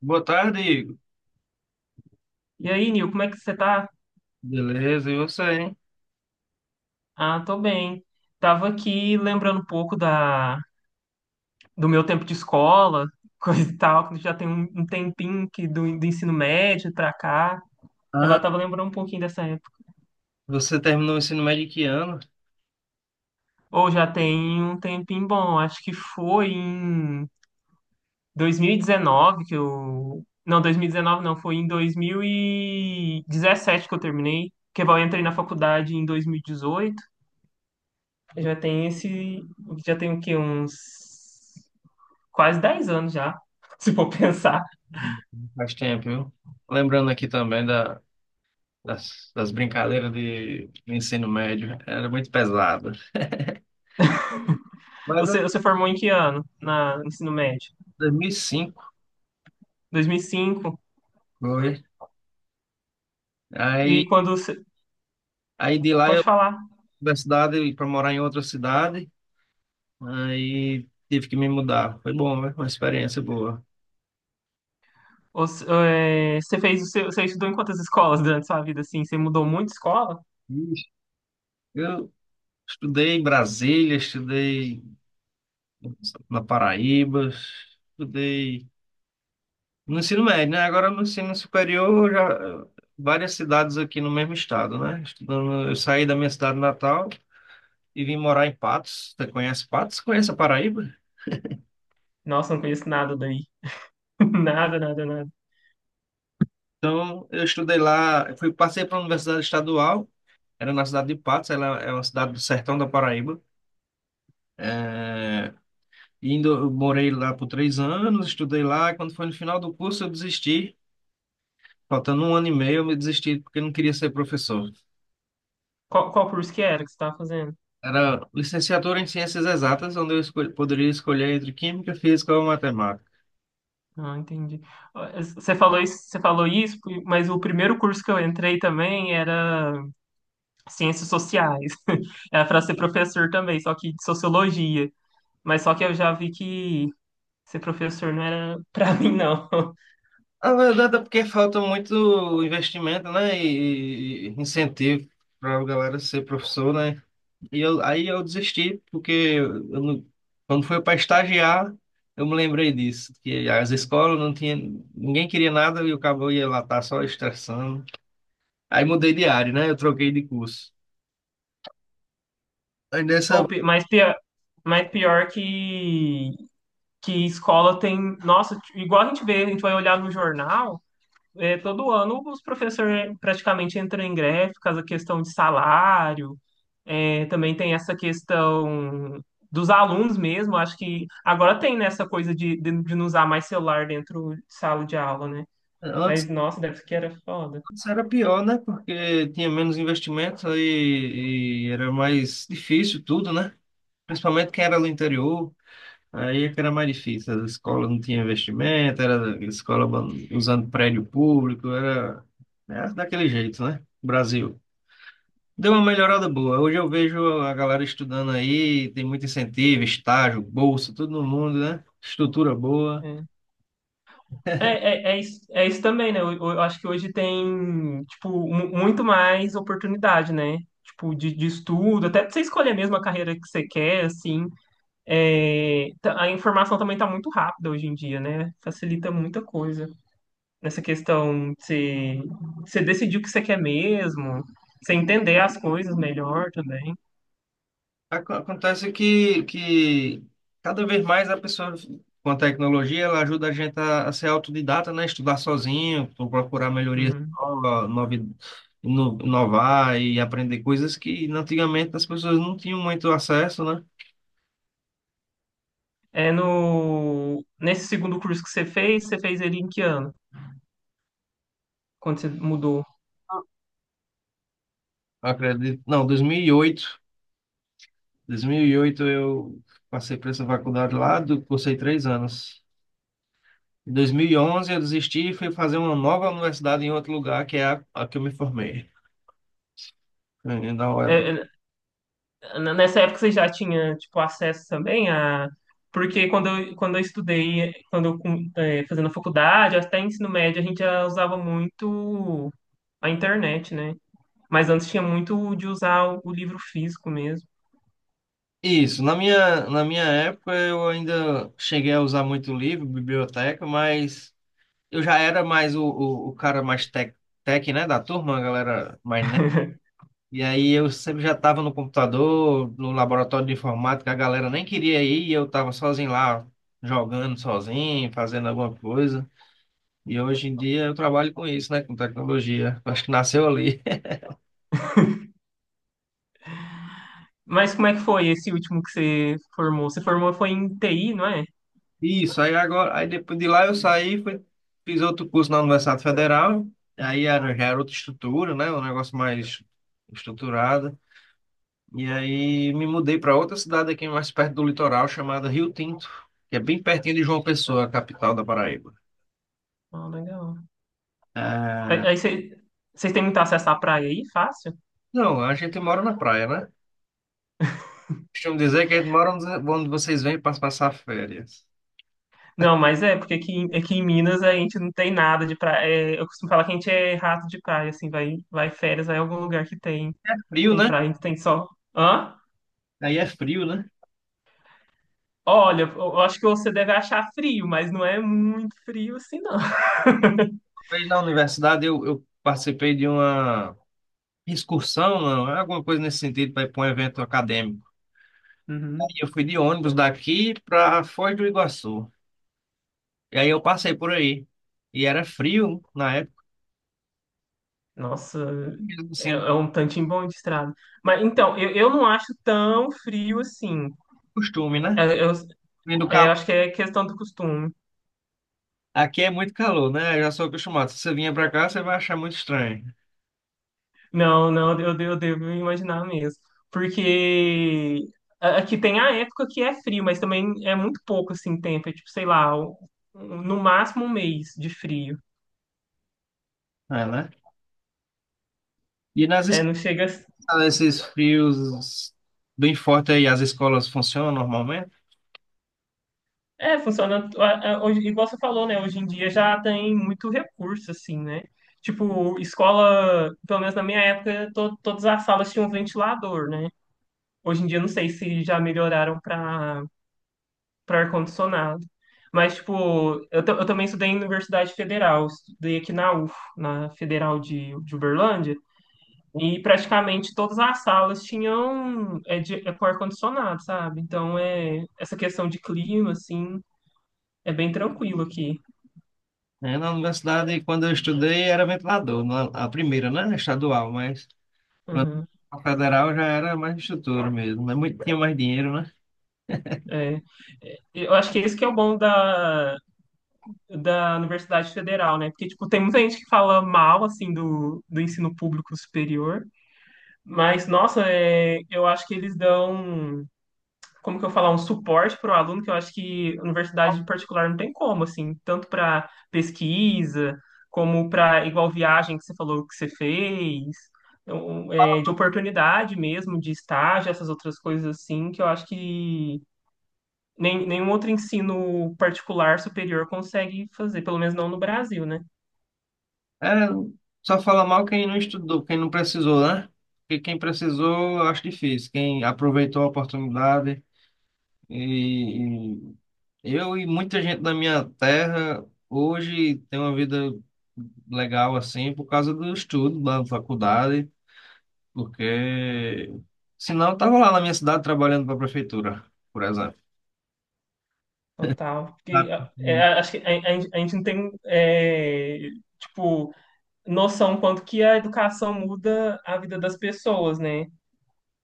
Boa tarde, Igor. E aí, Nil, como é que você tá? Beleza, e você, hein? Ah, tô bem. Tava aqui lembrando um pouco do meu tempo de escola, coisa e tal, que já tem um tempinho que do ensino médio pra cá. Eu já Ah, tava lembrando um pouquinho dessa época. você terminou o ensino médio em que ano? Ou já tem um tempinho bom, acho que foi em 2019 que eu. Não, 2019 não, foi em 2017 que eu terminei. Que eu entrei na faculdade em 2018. Já tem esse. Já tem o quê? Uns. Quase 10 anos já, se for pensar. Faz tempo, viu? Lembrando aqui também da, das brincadeiras de do ensino médio, era muito pesado. Mas é Você formou em que ano na no ensino médio? 2005, 2005. E cinco? foi. E Aí, quando você... aí, de lá eu Pode fui falar. pra cidade, para morar em outra cidade, aí tive que me mudar. Foi bom, né? Uma experiência boa. Você fez o você estudou em quantas escolas durante sua vida, assim? Você mudou muito de escola? Ixi, eu estudei em Brasília, estudei na Paraíba, estudei no ensino médio, né? Agora no ensino superior, já várias cidades aqui no mesmo estado, né? Estudando, eu saí da minha cidade natal e vim morar em Patos. Você conhece Patos? Conhece a Paraíba? Nossa, não conheço nada daí. Nada, nada, nada. Então, eu estudei lá, eu fui, passei para a Universidade Estadual, era na cidade de Patos, ela é uma cidade do sertão da Paraíba. É, indo, eu morei lá por três anos, estudei lá. Quando foi no final do curso, eu desisti. Faltando um ano e meio, eu me desisti porque eu não queria ser professor. Qual curso que era que você estava fazendo? Era licenciatura em Ciências Exatas, onde eu poderia escolher entre Química, Física ou Matemática. Ah, entendi. Ah, você falou isso, mas o primeiro curso que eu entrei também era Ciências Sociais. Era para ser professor também, só que de Sociologia. Mas só que eu já vi que ser professor não era pra mim, não. A verdade é porque falta muito investimento, né, e incentivo para a galera ser professor, né? E eu, aí eu desisti, porque eu não- quando foi para estagiar, eu me lembrei disso, que as escolas não tinha, ninguém queria nada e o cabo ia lá tá só estressando. Aí mudei de área, né? Eu troquei de curso. Aí nessa, Ou, pi- mas pior que escola tem. Nossa, igual a gente vê, a gente vai olhar no jornal, é, todo ano os professores praticamente entram em greve por causa da questão de salário. É, também tem essa questão dos alunos mesmo. Acho que agora tem nessa coisa de não usar mais celular dentro de sala de aula, né? antes Mas nossa, deve ser que era foda. isso era pior, né? Porque tinha menos investimentos aí e era mais difícil tudo, né? Principalmente quem era do interior, aí é que era mais difícil. A escola não tinha investimento, era a escola usando prédio público, era, era daquele jeito, né? Brasil. Deu uma melhorada boa. Hoje eu vejo a galera estudando aí, tem muito incentivo, estágio, bolsa, tudo no mundo, né? Estrutura boa. É. É, é, é isso também, né? Eu acho que hoje tem, tipo, muito mais oportunidade, né? Tipo, de estudo, até pra você escolher mesmo a carreira que você quer, assim. É, a informação também tá muito rápida hoje em dia, né? Facilita muita coisa. Nessa questão de você, você decidir o que você quer mesmo, você entender as coisas melhor também. Acontece que cada vez mais a pessoa, com a tecnologia, ela ajuda a gente a ser autodidata, né? Estudar sozinho, procurar melhorias Uhum. novas, inovar e aprender coisas que antigamente as pessoas não tinham muito acesso, né? É no, nesse segundo curso que você fez ele em que ano? Quando você mudou? Eu acredito. Não, dois mil e oito, dois mil e oito eu passei por essa faculdade lá, cursei três anos. Em 2011 eu desisti e fui fazer uma nova universidade em outro lugar, que é a que eu me formei. Da É, hora. é, Nessa época você já tinha, tipo, acesso também a... Porque quando eu estudei, quando eu com- eh, fazendo faculdade, até ensino médio, a gente já usava muito a internet, né? Mas antes tinha muito de usar o livro físico mesmo. Isso, na minha época eu ainda cheguei a usar muito livro, biblioteca, mas eu já era mais o cara mais tech, tech, né, da turma, a galera mais nerd. E aí eu sempre já estava no computador, no laboratório de informática, a galera nem queria ir e eu estava sozinho lá, jogando sozinho, fazendo alguma coisa. E hoje em dia eu trabalho com isso, né, com tecnologia. Acho que nasceu ali. Mas como é que foi esse último que você formou? Você formou foi em TI, não é? Isso, aí agora, aí depois de lá eu saí, fui, fiz outro curso na Universidade Federal, aí era, já era outra estrutura, né? Um negócio mais estruturado. E aí me mudei para outra cidade aqui mais perto do litoral, chamada Rio Tinto, que é bem pertinho de João Pessoa, a capital da Paraíba. Ah, legal. Ah, Aí você, vocês têm muito acesso à praia aí? Fácil? não, a gente mora na praia, né? Costumo dizer que a gente mora onde vocês vêm para passar férias. Não, mas é, porque aqui em Minas a gente não tem nada de praia. É, eu costumo falar que a gente é rato de praia, assim, vai férias, vai em algum lugar que tem, Frio, tem né? praia, a gente tem só. Hã? Aí é frio, né? Olha, eu acho que você deve achar frio, mas não é muito frio assim, não. Aí na universidade eu participei de uma excursão, não, é alguma coisa nesse sentido, para ir para um evento acadêmico. Uhum. E eu fui de ônibus daqui para Foz do Iguaçu. E aí eu passei por aí. E era frio na época, Nossa, mesmo é, assim, do é um tantinho bom de estrada. Mas então, eu não acho tão frio assim. costume, né? Eu, eu, Vindo É, eu calor. acho que é questão do costume. Aqui é muito calor, né? Eu já sou acostumado. Se você vinha para cá, você vai achar muito estranho, Não, não, eu devo imaginar mesmo. Porque aqui tem a época que é frio, mas também é muito pouco assim tempo, é tipo, sei lá, no máximo um mês de frio. é, né? E nas É, não chega. escolas, esses frios bem fortes aí, as escolas funcionam normalmente? É, funciona. Hoje, igual você falou, né? Hoje em dia já tem muito recurso, assim, né? Tipo, escola, pelo menos na minha época, todas as salas tinham ventilador, né? Hoje em dia, não sei se já melhoraram para ar-condicionado. Mas, tipo, eu também estudei em Universidade Federal, estudei aqui na UF, na Federal de Uberlândia, e praticamente todas as salas tinham é com ar-condicionado, sabe? Então, é, essa questão de clima, assim, é bem tranquilo aqui. É, na universidade, quando eu estudei, era ventilador, a primeira, né? Estadual, mas. Uhum, A federal já era mais estrutura mesmo, né? Muito, tinha mais dinheiro, né? é. É, eu acho que esse que é o bom da Universidade Federal, né? Porque, tipo, tem muita gente que fala mal, assim, do ensino público superior, mas, nossa, é, eu acho que eles dão como que eu falar, um suporte para o aluno que eu acho que universidade particular não tem como, assim, tanto para pesquisa, como para igual viagem que você falou que você fez, então, é, de oportunidade mesmo, de estágio, essas outras coisas assim, que eu acho que nem, nenhum outro ensino particular superior consegue fazer, pelo menos não no Brasil, né? Era, só fala mal quem não estudou, quem não precisou, né? Porque quem precisou, eu acho difícil. Quem aproveitou a oportunidade e, e eu e muita gente da minha terra hoje tem uma vida legal assim por causa do estudo da faculdade, porque senão eu tava lá na minha cidade trabalhando para a prefeitura, por exemplo. Total. Porque Tá. a- é, acho que a gente não tem, é, tipo, noção quanto que a educação muda a vida das pessoas, né?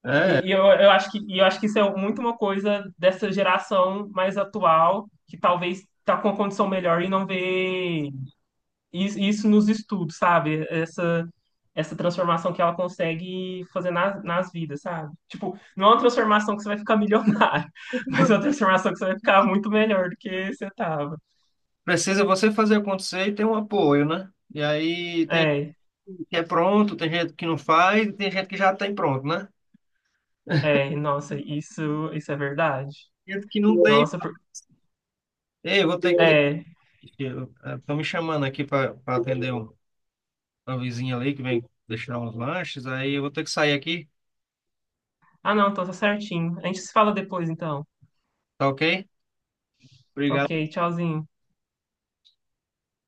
É, Eu acho que, e eu acho que isso é muito uma coisa dessa geração mais atual, que talvez está com uma condição melhor e não vê isso nos estudos, sabe? Essa transformação que ela consegue fazer nas vidas, sabe? Tipo, não é uma transformação que você vai ficar milionário, mas é uma transformação que você vai ficar muito melhor do que você estava. precisa você fazer acontecer e ter um apoio, né? E aí tem É, gente que é pronto, tem gente que não faz, e tem gente que já tem pronto, né? Nossa, isso, isso é verdade. Tem gente que não tem. Nossa, por- Ei, vou ter que. é. Estão me chamando aqui para atender uma vizinha ali que vem deixar uns lanches, aí eu vou ter que sair aqui, Ah, não, tô, tô certinho. A gente se fala depois, então. tá ok? Tá ok, Obrigado. tchauzinho.